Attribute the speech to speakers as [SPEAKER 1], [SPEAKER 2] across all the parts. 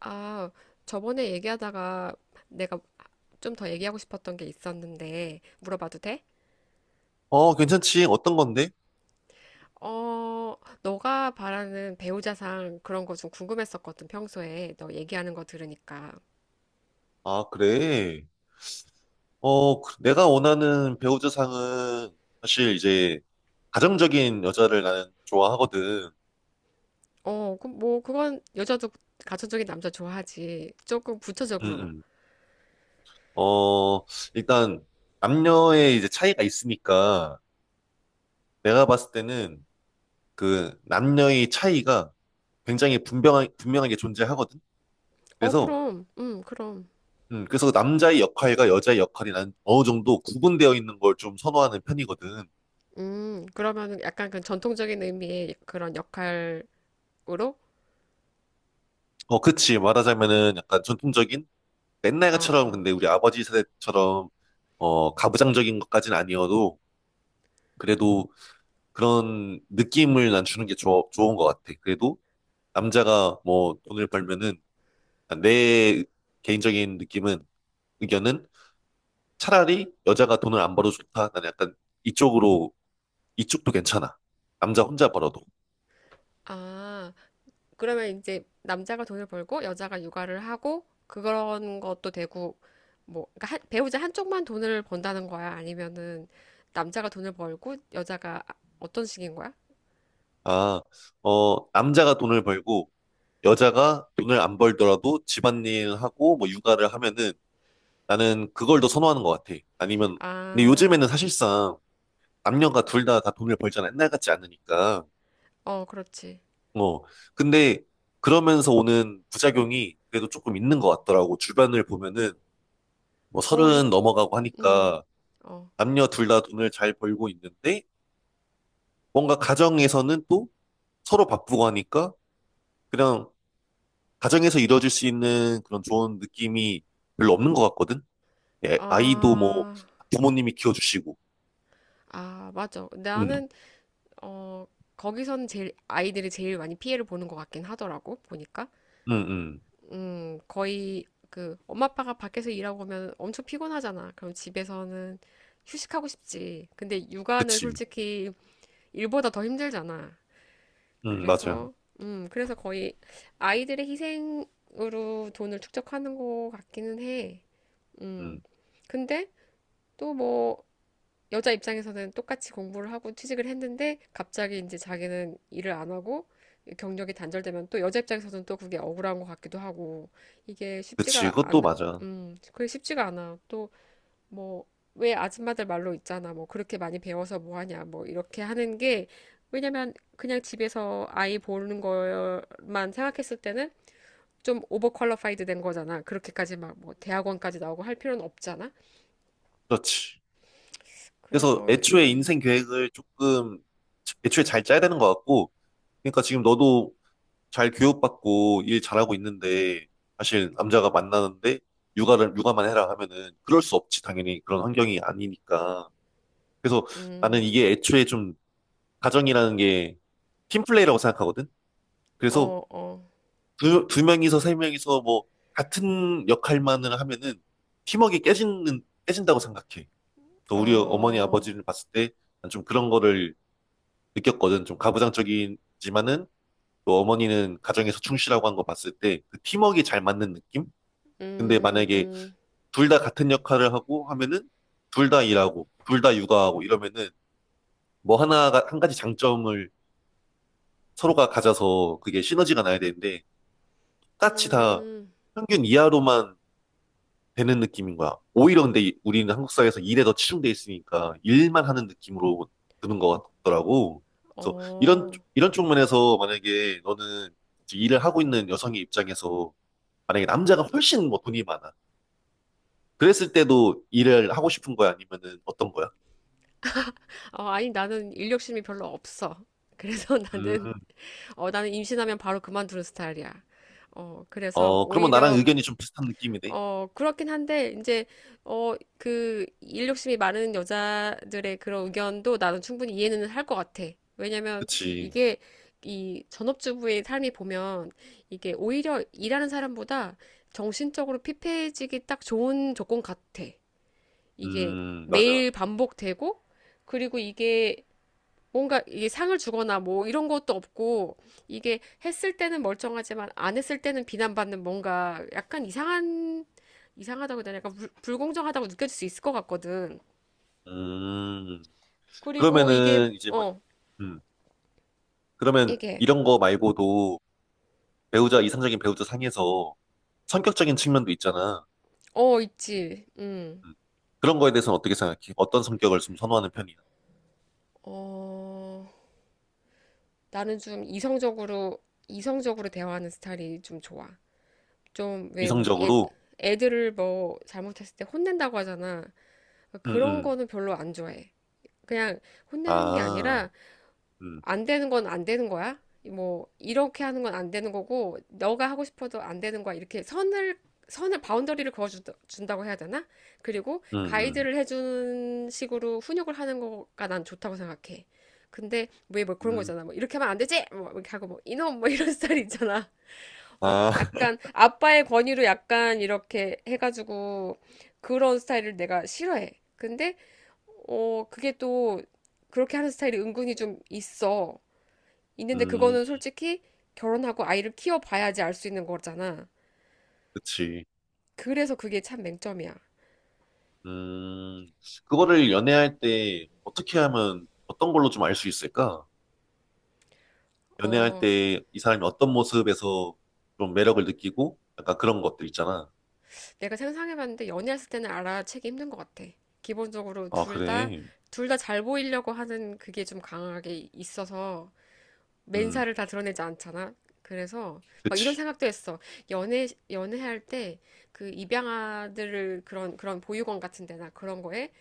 [SPEAKER 1] 아, 저번에 얘기하다가 내가 좀 더 얘기하고 싶었던 게 있었는데 물어봐도 돼?
[SPEAKER 2] 어, 괜찮지. 어떤 건데?
[SPEAKER 1] 어, 너가 바라는 배우자상 그런 거 좀 궁금했었거든, 평소에. 너 얘기하는 거 들으니까.
[SPEAKER 2] 아, 그래. 어, 내가 원하는 배우자상은 사실 이제 가정적인 여자를 나는 좋아하거든.
[SPEAKER 1] 뭐, 그건 여자도 가천적인 남자 좋아하지. 조금
[SPEAKER 2] 음,
[SPEAKER 1] 부차적으로.
[SPEAKER 2] 음. 어, 일단 남녀의 이제 차이가 있으니까 내가 봤을 때는 그 남녀의 차이가 굉장히 분명하게 존재하거든.
[SPEAKER 1] 어,
[SPEAKER 2] 그래서
[SPEAKER 1] 그럼. 그럼.
[SPEAKER 2] 그래서 남자의 역할과 여자의 역할이 난 어느 정도 구분되어 있는 걸 좀 선호하는 편이거든.
[SPEAKER 1] 그러면은 약간 그 전통적인 의미의 그런 역할으로? 어,
[SPEAKER 2] 어, 그치. 말하자면은 약간 전통적인
[SPEAKER 1] 어.
[SPEAKER 2] 옛날처럼 근데 우리 아버지 세대처럼 어 가부장적인 것까지는 아니어도 그래도 그런 느낌을 난 주는 게 좋은 것 같아. 그래도 남자가 뭐 돈을 벌면은 아, 내 개인적인 느낌은 의견은 차라리 여자가 돈을 안 벌어도 좋다. 나는 약간 이쪽으로 이쪽도 괜찮아. 남자 혼자 벌어도.
[SPEAKER 1] 아, 그러면 이제 남자가 돈을 벌고 여자가 육아를 하고 그런 것도 되고 뭐 그러니까 배우자 한쪽만 돈을 번다는 거야? 아니면은 남자가 돈을 벌고 여자가 어떤 식인 거야?
[SPEAKER 2] 아, 어, 남자가 돈을 벌고 여자가 돈을 안 벌더라도 집안일 하고 뭐 육아를 하면은 나는 그걸 더 선호하는 것 같아. 아니면, 근데
[SPEAKER 1] 아,
[SPEAKER 2] 요즘에는 사실상 남녀가 둘 다 다 돈을 벌잖아. 옛날 같지 않으니까.
[SPEAKER 1] 어, 그렇지.
[SPEAKER 2] 어. 근데 그러면서 오는 부작용이 그래도 조금 있는 것 같더라고. 주변을 보면은 뭐
[SPEAKER 1] 어, 이,
[SPEAKER 2] 서른 넘어가고
[SPEAKER 1] 음,
[SPEAKER 2] 하니까
[SPEAKER 1] 어,
[SPEAKER 2] 남녀 둘 다 돈을 잘 벌고 있는데 뭔가 가정에서는 또 서로 바쁘고 하니까 그냥 가정에서 이루어질 수 있는 그런 좋은 느낌이 별로 없는 것 같거든. 예, 아이도 뭐
[SPEAKER 1] 아,
[SPEAKER 2] 부모님이 키워주시고.
[SPEAKER 1] 아, 맞아.
[SPEAKER 2] 응,
[SPEAKER 1] 나는 어 거기선 제일 아이들이 제일 많이 피해를 보는 것 같긴 하더라고 보니까.
[SPEAKER 2] 응, 응,
[SPEAKER 1] 거의 그 엄마 아빠가 밖에서 일하고 오면 엄청 피곤하잖아. 그럼 집에서는 휴식하고 싶지. 근데 육아는
[SPEAKER 2] 그치.
[SPEAKER 1] 솔직히 일보다 더 힘들잖아.
[SPEAKER 2] 맞아요.
[SPEAKER 1] 그래서 그래서 거의 아이들의 희생으로 돈을 축적하는 것 같기는 해.
[SPEAKER 2] 음,
[SPEAKER 1] 음. 근데 또뭐 여자 입장에서는 똑같이 공부를 하고 취직을 했는데 갑자기 이제 자기는 일을 안 하고 경력이 단절되면 또 여자 입장에서는 또 그게 억울한 것 같기도 하고 이게
[SPEAKER 2] 그치,
[SPEAKER 1] 쉽지가
[SPEAKER 2] 그것도
[SPEAKER 1] 않,
[SPEAKER 2] 맞아.
[SPEAKER 1] 그게 쉽지가 않아. 또 뭐, 왜 아줌마들 말로 있잖아. 뭐 그렇게 많이 배워서 뭐 하냐. 뭐 이렇게 하는 게 왜냐면 그냥 집에서 아이 보는 것만 생각했을 때는 좀 오버퀄리파이드 된 거잖아. 그렇게까지 막 뭐 대학원까지 나오고 할 필요는 없잖아.
[SPEAKER 2] 그렇지. 그래서
[SPEAKER 1] 그래서
[SPEAKER 2] 애초에
[SPEAKER 1] 음,
[SPEAKER 2] 인생 계획을 조금, 애초에 잘 짜야 되는 것 같고, 그러니까 지금 너도 잘 교육받고 일 잘하고 있는데, 사실 남자가 만나는데, 육아만 해라 하면은, 그럴 수 없지, 당연히. 그런 환경이 아니니까. 그래서 나는
[SPEAKER 1] 음,
[SPEAKER 2] 이게 애초에 좀, 가정이라는 게 팀플레이라고 생각하거든? 그래서
[SPEAKER 1] 어, 어.
[SPEAKER 2] 두 명이서 세 명이서 뭐 같은 역할만을 하면은 팀워크가 깨지는 깨진다고 생각해. 그 우리 어머니
[SPEAKER 1] 어,
[SPEAKER 2] 아버지를 봤을 때 난 좀 그런 거를 느꼈거든. 좀 가부장적이지만은 또 어머니는 가정에서 충실하고 한 거 봤을 때 그 팀워크가 잘 맞는 느낌? 근데
[SPEAKER 1] 음,
[SPEAKER 2] 만약에
[SPEAKER 1] 음,
[SPEAKER 2] 둘 다 같은 역할을 하고 하면은 둘 다 일하고 둘 다 육아하고 이러면은 뭐 하나가 한 가지 장점을 서로가 가져서 그게 시너지가 나야 되는데 똑같이 다
[SPEAKER 1] 음,
[SPEAKER 2] 평균 이하로만 되는 느낌인 거야. 오히려 근데 우리는 한국 사회에서 일에 더 치중돼 있으니까 일만 하는 느낌으로 드는 것 같더라고. 그래서
[SPEAKER 1] 어.
[SPEAKER 2] 이런 쪽면에서 만약에 너는 지금 일을 하고 있는 여성의 입장에서 만약에 남자가 훨씬 뭐 돈이 많아. 그랬을 때도 일을 하고 싶은 거야? 아니면은 어떤 거야?
[SPEAKER 1] 아니, 나는 일 욕심이 별로 없어. 그래서 나는,
[SPEAKER 2] 음.
[SPEAKER 1] 나는 임신하면 바로 그만두는 스타일이야. 어, 그래서
[SPEAKER 2] 어, 그러면 나랑
[SPEAKER 1] 오히려
[SPEAKER 2] 의견이 좀 비슷한 느낌이네.
[SPEAKER 1] 어, 그렇긴 한데, 이제, 일 욕심이 많은 여자들의 그런 의견도 나는 충분히 이해는 할 것 같아. 왜냐면,
[SPEAKER 2] 그치.
[SPEAKER 1] 이게, 이 전업주부의 삶이 보면, 이게 오히려 일하는 사람보다 정신적으로 피폐해지기 딱 좋은 조건 같아. 이게
[SPEAKER 2] 맞아.
[SPEAKER 1] 매일 반복되고, 그리고 이게 뭔가 이게 상을 주거나 뭐 이런 것도 없고 이게 했을 때는 멀쩡하지만 안 했을 때는 비난받는 뭔가 약간 이상한 이상하다고 해야 되나 약간 불공정하다고 느껴질 수 있을 것 같거든.
[SPEAKER 2] 음,
[SPEAKER 1] 그리고 이게
[SPEAKER 2] 그러면은 이제 막,
[SPEAKER 1] 어
[SPEAKER 2] 음, 그러면
[SPEAKER 1] 이게
[SPEAKER 2] 이런 거 말고도 배우자, 이상적인 배우자 상에서 성격적인 측면도 있잖아.
[SPEAKER 1] 어 있지. 음.
[SPEAKER 2] 음. 그런 거에 대해서는 어떻게 생각해? 어떤 성격을 좀 선호하는 편이야?
[SPEAKER 1] 어 나는 좀 이성적으로 대화하는 스타일이 좀 좋아. 좀 왜 우리
[SPEAKER 2] 이성적으로?
[SPEAKER 1] 애들을 뭐 잘못했을 때 혼낸다고 하잖아. 그러니까
[SPEAKER 2] 음,
[SPEAKER 1] 그런
[SPEAKER 2] 음.
[SPEAKER 1] 거는 별로 안 좋아해. 그냥 혼내는 게
[SPEAKER 2] 아,
[SPEAKER 1] 아니라
[SPEAKER 2] 음,
[SPEAKER 1] 안 되는 건 안 되는 거야. 뭐 이렇게 하는 건 안 되는 거고 너가 하고 싶어도 안 되는 거야. 이렇게 선을 바운더리를 그어 준다고 해야 되나? 그리고
[SPEAKER 2] 음,
[SPEAKER 1] 가이드를 해주는 식으로 훈육을 하는 거가 난 좋다고 생각해. 근데 왜 뭐 그런
[SPEAKER 2] 음.
[SPEAKER 1] 거잖아. 뭐 이렇게 하면 안 되지. 뭐 이렇게 하고 뭐 이놈 뭐 이런 스타일 있잖아. 어?
[SPEAKER 2] 아,
[SPEAKER 1] 약간 아빠의 권위로 약간 이렇게 해가지고 그런 스타일을 내가 싫어해. 근데 어 그게 또 그렇게 하는 스타일이 은근히 좀 있어. 있는데
[SPEAKER 2] 음,
[SPEAKER 1] 그거는 솔직히 결혼하고 아이를 키워봐야지 알 수 있는 거잖아.
[SPEAKER 2] 그치.
[SPEAKER 1] 그래서 그게 참 맹점이야.
[SPEAKER 2] 음, 그거를 연애할 때 어떻게 하면 어떤 걸로 좀 알 수 있을까? 연애할
[SPEAKER 1] 어,
[SPEAKER 2] 때 이 사람이 어떤 모습에서 좀 매력을 느끼고 약간 그런 것들 있잖아.
[SPEAKER 1] 내가 상상해봤는데 연애했을 때는 알아채기 힘든 것 같아. 기본적으로
[SPEAKER 2] 아, 그래.
[SPEAKER 1] 둘 다 잘 보이려고 하는 그게 좀 강하게 있어서
[SPEAKER 2] 음,
[SPEAKER 1] 맨살을 다 드러내지 않잖아. 그래서 막 이런
[SPEAKER 2] 그치.
[SPEAKER 1] 생각도 했어. 연애할 때 그 입양아들을 그런 보육원 같은 데나 그런 거에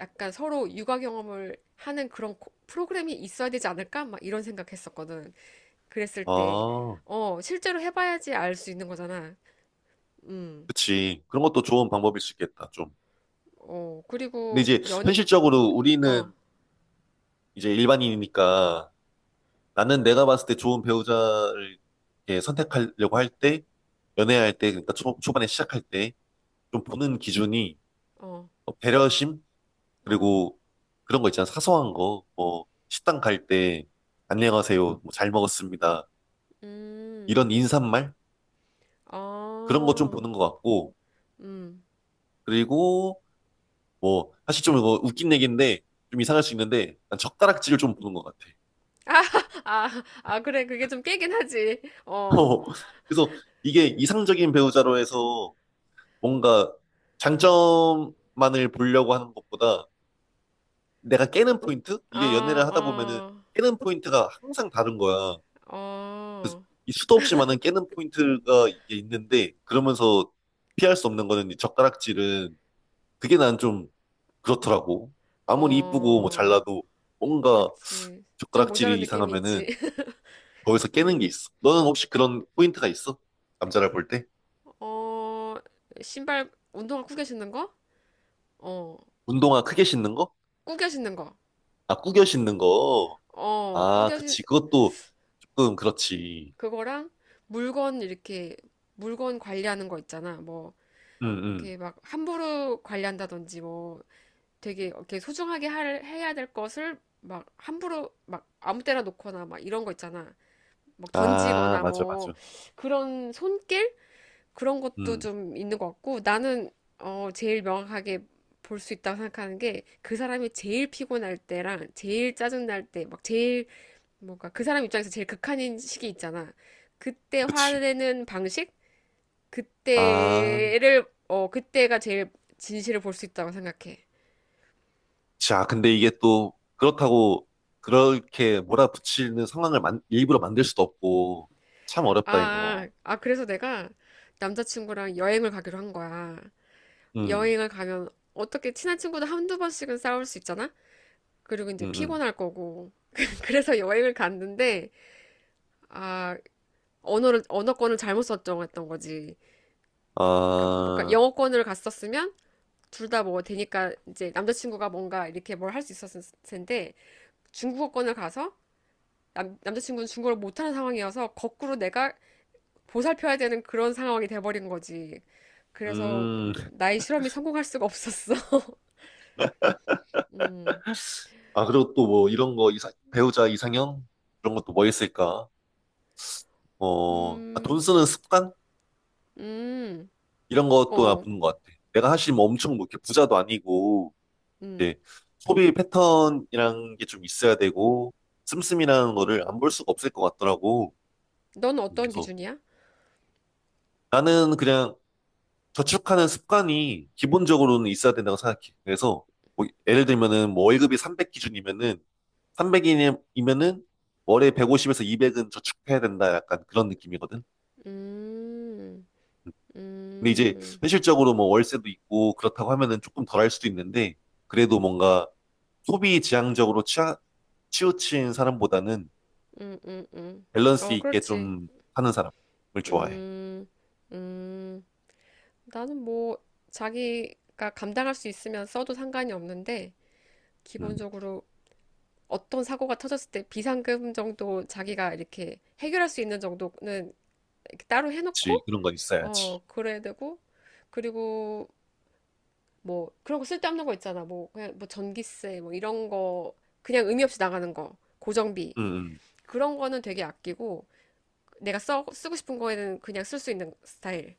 [SPEAKER 1] 약간 서로 육아 경험을 하는 그런 프로그램이 있어야 되지 않을까? 막 이런 생각했었거든. 그랬을 때,
[SPEAKER 2] 아,
[SPEAKER 1] 어, 실제로 해봐야지 알 수 있는 거잖아. 음,
[SPEAKER 2] 그치. 그런 것도 좋은 방법일 수 있겠다, 좀.
[SPEAKER 1] 어,
[SPEAKER 2] 근데
[SPEAKER 1] 그리고
[SPEAKER 2] 이제 현실적으로
[SPEAKER 1] 어,
[SPEAKER 2] 우리는 이제 일반인이니까 나는 내가 봤을 때 좋은 배우자를 이렇게 선택하려고 할 때, 연애할 때, 그러니까 초반에 시작할 때 좀 보는 기준이
[SPEAKER 1] 어,
[SPEAKER 2] 어, 배려심?
[SPEAKER 1] 어,
[SPEAKER 2] 그리고 그런 거 있잖아. 사소한 거. 뭐 식당 갈 때 안녕하세요. 뭐잘 먹었습니다.
[SPEAKER 1] 음,
[SPEAKER 2] 이런 인사말? 그런 거 좀
[SPEAKER 1] 어,
[SPEAKER 2] 보는 것 같고.
[SPEAKER 1] 음.
[SPEAKER 2] 그리고 뭐 사실 좀 이거 웃긴 얘기인데 좀 이상할 수 있는데 난 젓가락질을 좀 보는 것 같아.
[SPEAKER 1] 아, 아, 그래. 그게 좀 깨긴 하지. 어,
[SPEAKER 2] 어, 그래서 이게 이상적인 배우자로 해서 뭔가 장점만을 보려고 하는 것보다 내가 깨는 포인트? 이게 연애를 하다 보면은
[SPEAKER 1] 아,
[SPEAKER 2] 깨는 포인트가 항상 다른 거야.
[SPEAKER 1] 어, 어,
[SPEAKER 2] 이 수도 없이 많은 깨는 포인트가 이게 있는데 그러면서 피할 수 없는 거는 이 젓가락질은 그게 난 좀 그렇더라고. 아무리 이쁘고 뭐
[SPEAKER 1] 어,
[SPEAKER 2] 잘나도 뭔가
[SPEAKER 1] 그치. 좀 모자란
[SPEAKER 2] 젓가락질이
[SPEAKER 1] 느낌이 있지.
[SPEAKER 2] 이상하면은 거기서 깨는 게 있어. 너는 혹시 그런 포인트가 있어? 남자를 볼 때?
[SPEAKER 1] 어, 신발, 운동화 구겨 신는 거? 어,
[SPEAKER 2] 운동화 크게 신는 거?
[SPEAKER 1] 구겨 신는 거.
[SPEAKER 2] 아, 구겨 신는 거.
[SPEAKER 1] 어,
[SPEAKER 2] 아,
[SPEAKER 1] 구겨 신,
[SPEAKER 2] 그치. 그것도 조금 그렇지.
[SPEAKER 1] 그거랑 물건 이렇게, 물건 관리하는 거 있잖아. 뭐,
[SPEAKER 2] 응, 응.
[SPEAKER 1] 이렇게 막 함부로 관리한다든지 뭐, 되게 이렇게 소중하게 해야 될 것을 막 함부로 막 아무 때나 놓거나 막 이런 거 있잖아. 막
[SPEAKER 2] 아,
[SPEAKER 1] 던지거나
[SPEAKER 2] 맞아,
[SPEAKER 1] 뭐,
[SPEAKER 2] 맞아.
[SPEAKER 1] 그런 손길? 그런 것도
[SPEAKER 2] 응,
[SPEAKER 1] 좀 있는 것 같고 나는 어, 제일 명확하게 볼 수 있다고 생각하는 게 그 사람이 제일 피곤할 때랑 제일 짜증날 때 막 제일 뭔가 그 사람 입장에서 제일 극한인 시기 있잖아. 그때
[SPEAKER 2] 그치.
[SPEAKER 1] 화내는 방식?
[SPEAKER 2] 아,
[SPEAKER 1] 그때를 어 그때가 제일 진실을 볼 수 있다고 생각해.
[SPEAKER 2] 자, 근데 이게 또 그렇다고 그렇게 몰아붙이는 상황을 만, 일부러 만들 수도 없고 참 어렵다,
[SPEAKER 1] 아,
[SPEAKER 2] 이거.
[SPEAKER 1] 아 그래서 내가 남자친구랑 여행을 가기로 한 거야.
[SPEAKER 2] 응,
[SPEAKER 1] 여행을 가면 어떻게 친한 친구도 한두 번씩은 싸울 수 있잖아. 그리고
[SPEAKER 2] 응,
[SPEAKER 1] 이제
[SPEAKER 2] 응.
[SPEAKER 1] 피곤할 거고. 그래서 여행을 갔는데, 아, 언어권을 잘못 설정했던 거지. 그러니까 뭔가
[SPEAKER 2] 아,
[SPEAKER 1] 영어권을 갔었으면 둘 다 뭐 되니까 이제 남자친구가 뭔가 이렇게 뭘 할 수 있었을 텐데, 중국어권을 가서 남자친구는 중국어를 못하는 상황이어서 거꾸로 내가 보살펴야 되는 그런 상황이 돼버린 거지. 그래서
[SPEAKER 2] 음.
[SPEAKER 1] 나의 실험이 성공할 수가 없었어. 음,
[SPEAKER 2] 아, 그리고 또 뭐 이런 거 이상, 배우자 이상형? 그런 것도 뭐 있을까? 어, 아, 돈
[SPEAKER 1] 음,
[SPEAKER 2] 쓰는 습관?
[SPEAKER 1] 음,
[SPEAKER 2] 이런 것도
[SPEAKER 1] 어,
[SPEAKER 2] 나쁜 것 같아. 내가 사실 뭐 엄청 뭐 이렇게 부자도 아니고
[SPEAKER 1] 음.
[SPEAKER 2] 이제 소비 패턴이란 게 좀 있어야 되고 씀씀이라는 거를 안 볼 수가 없을 것 같더라고.
[SPEAKER 1] 넌
[SPEAKER 2] 음.
[SPEAKER 1] 어떤
[SPEAKER 2] 그래서
[SPEAKER 1] 기준이야?
[SPEAKER 2] 나는 그냥 저축하는 습관이 기본적으로는 있어야 된다고 생각해. 그래서 뭐 예를 들면은 뭐 월급이 300 기준이면은 300이면은 월에 150에서 200은 저축해야 된다 약간 그런 느낌이거든.
[SPEAKER 1] 음,
[SPEAKER 2] 근데 이제
[SPEAKER 1] 음,
[SPEAKER 2] 현실적으로 뭐 월세도 있고 그렇다고 하면은 조금 덜할 수도 있는데 그래도 뭔가 소비 지향적으로 치우친 사람보다는
[SPEAKER 1] 음, 음, 음.
[SPEAKER 2] 밸런스
[SPEAKER 1] 어,
[SPEAKER 2] 있게
[SPEAKER 1] 그렇지.
[SPEAKER 2] 좀 하는 사람을 좋아해.
[SPEAKER 1] 음, 음. 나는 뭐, 자기가 감당할 수 있으면 써도 상관이 없는데,
[SPEAKER 2] 음,
[SPEAKER 1] 기본적으로 어떤 사고가 터졌을 때 비상금 정도 자기가 이렇게 해결할 수 있는 정도는 이렇게 따로
[SPEAKER 2] 그치.
[SPEAKER 1] 해놓고,
[SPEAKER 2] 그런 건 있어야지.
[SPEAKER 1] 어, 그래야 되고, 그리고 뭐, 그런 거 쓸데없는 거 있잖아. 뭐, 그냥 뭐 전기세, 뭐 이런 거, 그냥 의미 없이 나가는 거, 고정비.
[SPEAKER 2] 음,
[SPEAKER 1] 그런 거는 되게 아끼고, 내가 쓰고 싶은 거에는 그냥 쓸 수 있는 스타일.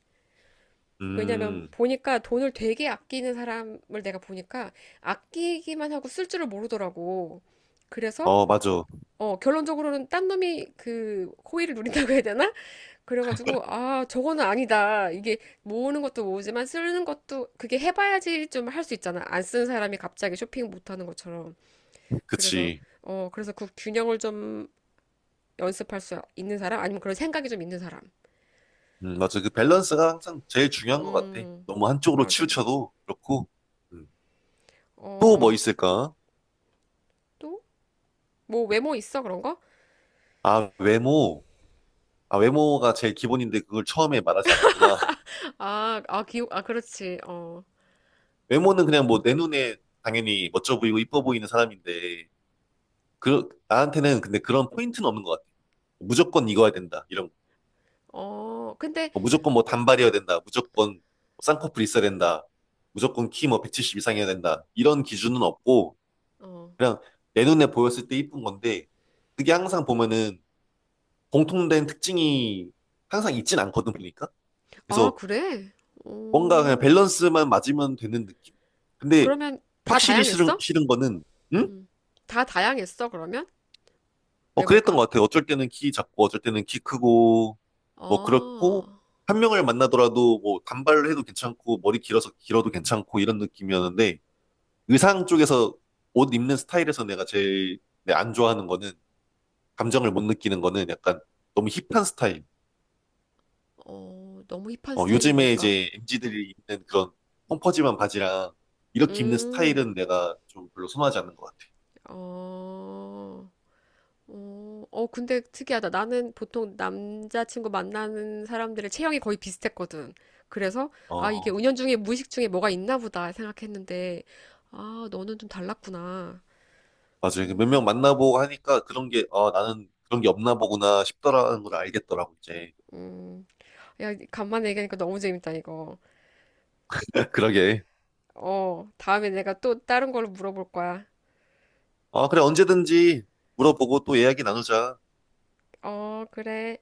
[SPEAKER 1] 왜냐면
[SPEAKER 2] 음, 음.
[SPEAKER 1] 보니까 돈을 되게 아끼는 사람을 내가 보니까 아끼기만 하고 쓸 줄을 모르더라고. 그래서
[SPEAKER 2] 어, 맞아.
[SPEAKER 1] 어, 결론적으로는 딴 놈이 그 호의를 누린다고 해야 되나? 그래가지고 아 저거는 아니다. 이게 모으는 것도 모으지만 쓰는 것도 그게 해봐야지 좀 할 수 있잖아. 안 쓰는 사람이 갑자기 쇼핑 못하는 것처럼. 그래서
[SPEAKER 2] 그치.
[SPEAKER 1] 어 그래서 그 균형을 좀 연습할 수 있는 사람 아니면 그런 생각이 좀 있는 사람.
[SPEAKER 2] 맞아. 그 밸런스가 항상 제일 중요한 것 같아.
[SPEAKER 1] 음,
[SPEAKER 2] 너무 한쪽으로
[SPEAKER 1] 맞아, 맞아.
[SPEAKER 2] 치우쳐도 그렇고. 음. 또 뭐
[SPEAKER 1] 어,
[SPEAKER 2] 있을까?
[SPEAKER 1] 또? 뭐 외모 있어, 그런 거?
[SPEAKER 2] 아, 외모. 아, 외모가 제일 기본인데 그걸 처음에 말하지 않았구나.
[SPEAKER 1] 아, 아, 기억, 아, 그렇지. 어,
[SPEAKER 2] 외모는 그냥 뭐 내 눈에 당연히 멋져 보이고 이뻐 보이는 사람인데, 그, 나한테는 근데 그런 포인트는 없는 것 같아. 무조건 이거야 된다. 이런
[SPEAKER 1] 어, 근데,
[SPEAKER 2] 뭐 무조건 뭐 단발이어야 된다. 무조건 뭐 쌍꺼풀 있어야 된다. 무조건 키 뭐 170 이상이어야 된다. 이런 기준은 없고
[SPEAKER 1] 어,
[SPEAKER 2] 그냥 내 눈에 보였을 때 이쁜 건데 그게 항상 보면은 공통된 특징이 항상 있진 않거든 보니까.
[SPEAKER 1] 아,
[SPEAKER 2] 그래서
[SPEAKER 1] 그래?
[SPEAKER 2] 뭔가 그냥
[SPEAKER 1] 오,
[SPEAKER 2] 밸런스만 맞으면 되는 느낌? 근데
[SPEAKER 1] 그러면 다
[SPEAKER 2] 확실히
[SPEAKER 1] 다양했어?
[SPEAKER 2] 싫은 거는 응?
[SPEAKER 1] 다 다양했어, 그러면?
[SPEAKER 2] 어, 그랬던
[SPEAKER 1] 외모가?
[SPEAKER 2] 것 같아요. 어쩔 때는 키 작고, 어쩔 때는 키 크고, 뭐,
[SPEAKER 1] 어,
[SPEAKER 2] 그렇고, 한 명을 만나더라도, 뭐, 단발을 해도 괜찮고, 머리 길어서 길어도 괜찮고, 이런 느낌이었는데, 의상 쪽에서 옷 입는 스타일에서 내가 제일 네, 안 좋아하는 거는, 감정을 못 느끼는 거는 약간 너무 힙한 스타일.
[SPEAKER 1] 어, 너무 힙한
[SPEAKER 2] 어,
[SPEAKER 1] 스타일은
[SPEAKER 2] 요즘에
[SPEAKER 1] 뭘까?
[SPEAKER 2] 이제 MZ들이 입는 그런 펑퍼짐한 바지랑, 이렇게 입는
[SPEAKER 1] 음,
[SPEAKER 2] 스타일은 내가 좀 별로 선호하지 않는 것 같아요.
[SPEAKER 1] 어, 어, 어, 근데 특이하다. 나는 보통 남자친구 만나는 사람들의 체형이 거의 비슷했거든. 그래서, 아, 이게
[SPEAKER 2] 어.
[SPEAKER 1] 은연중에 무의식 중에 뭐가 있나 보다 생각했는데, 아, 너는 좀 달랐구나.
[SPEAKER 2] 맞아요. 몇 명
[SPEAKER 1] 음,
[SPEAKER 2] 만나보고 하니까 그런 게, 아, 나는 그런 게 없나 보구나 싶더라는 걸 알겠더라고, 이제.
[SPEAKER 1] 음. 야, 간만에 얘기하니까 너무 재밌다, 이거.
[SPEAKER 2] 그러게.
[SPEAKER 1] 어, 다음에 내가 또 다른 걸로 물어볼 거야.
[SPEAKER 2] 아, 그래, 언제든지 물어보고 또 이야기 나누자.
[SPEAKER 1] 어, 그래.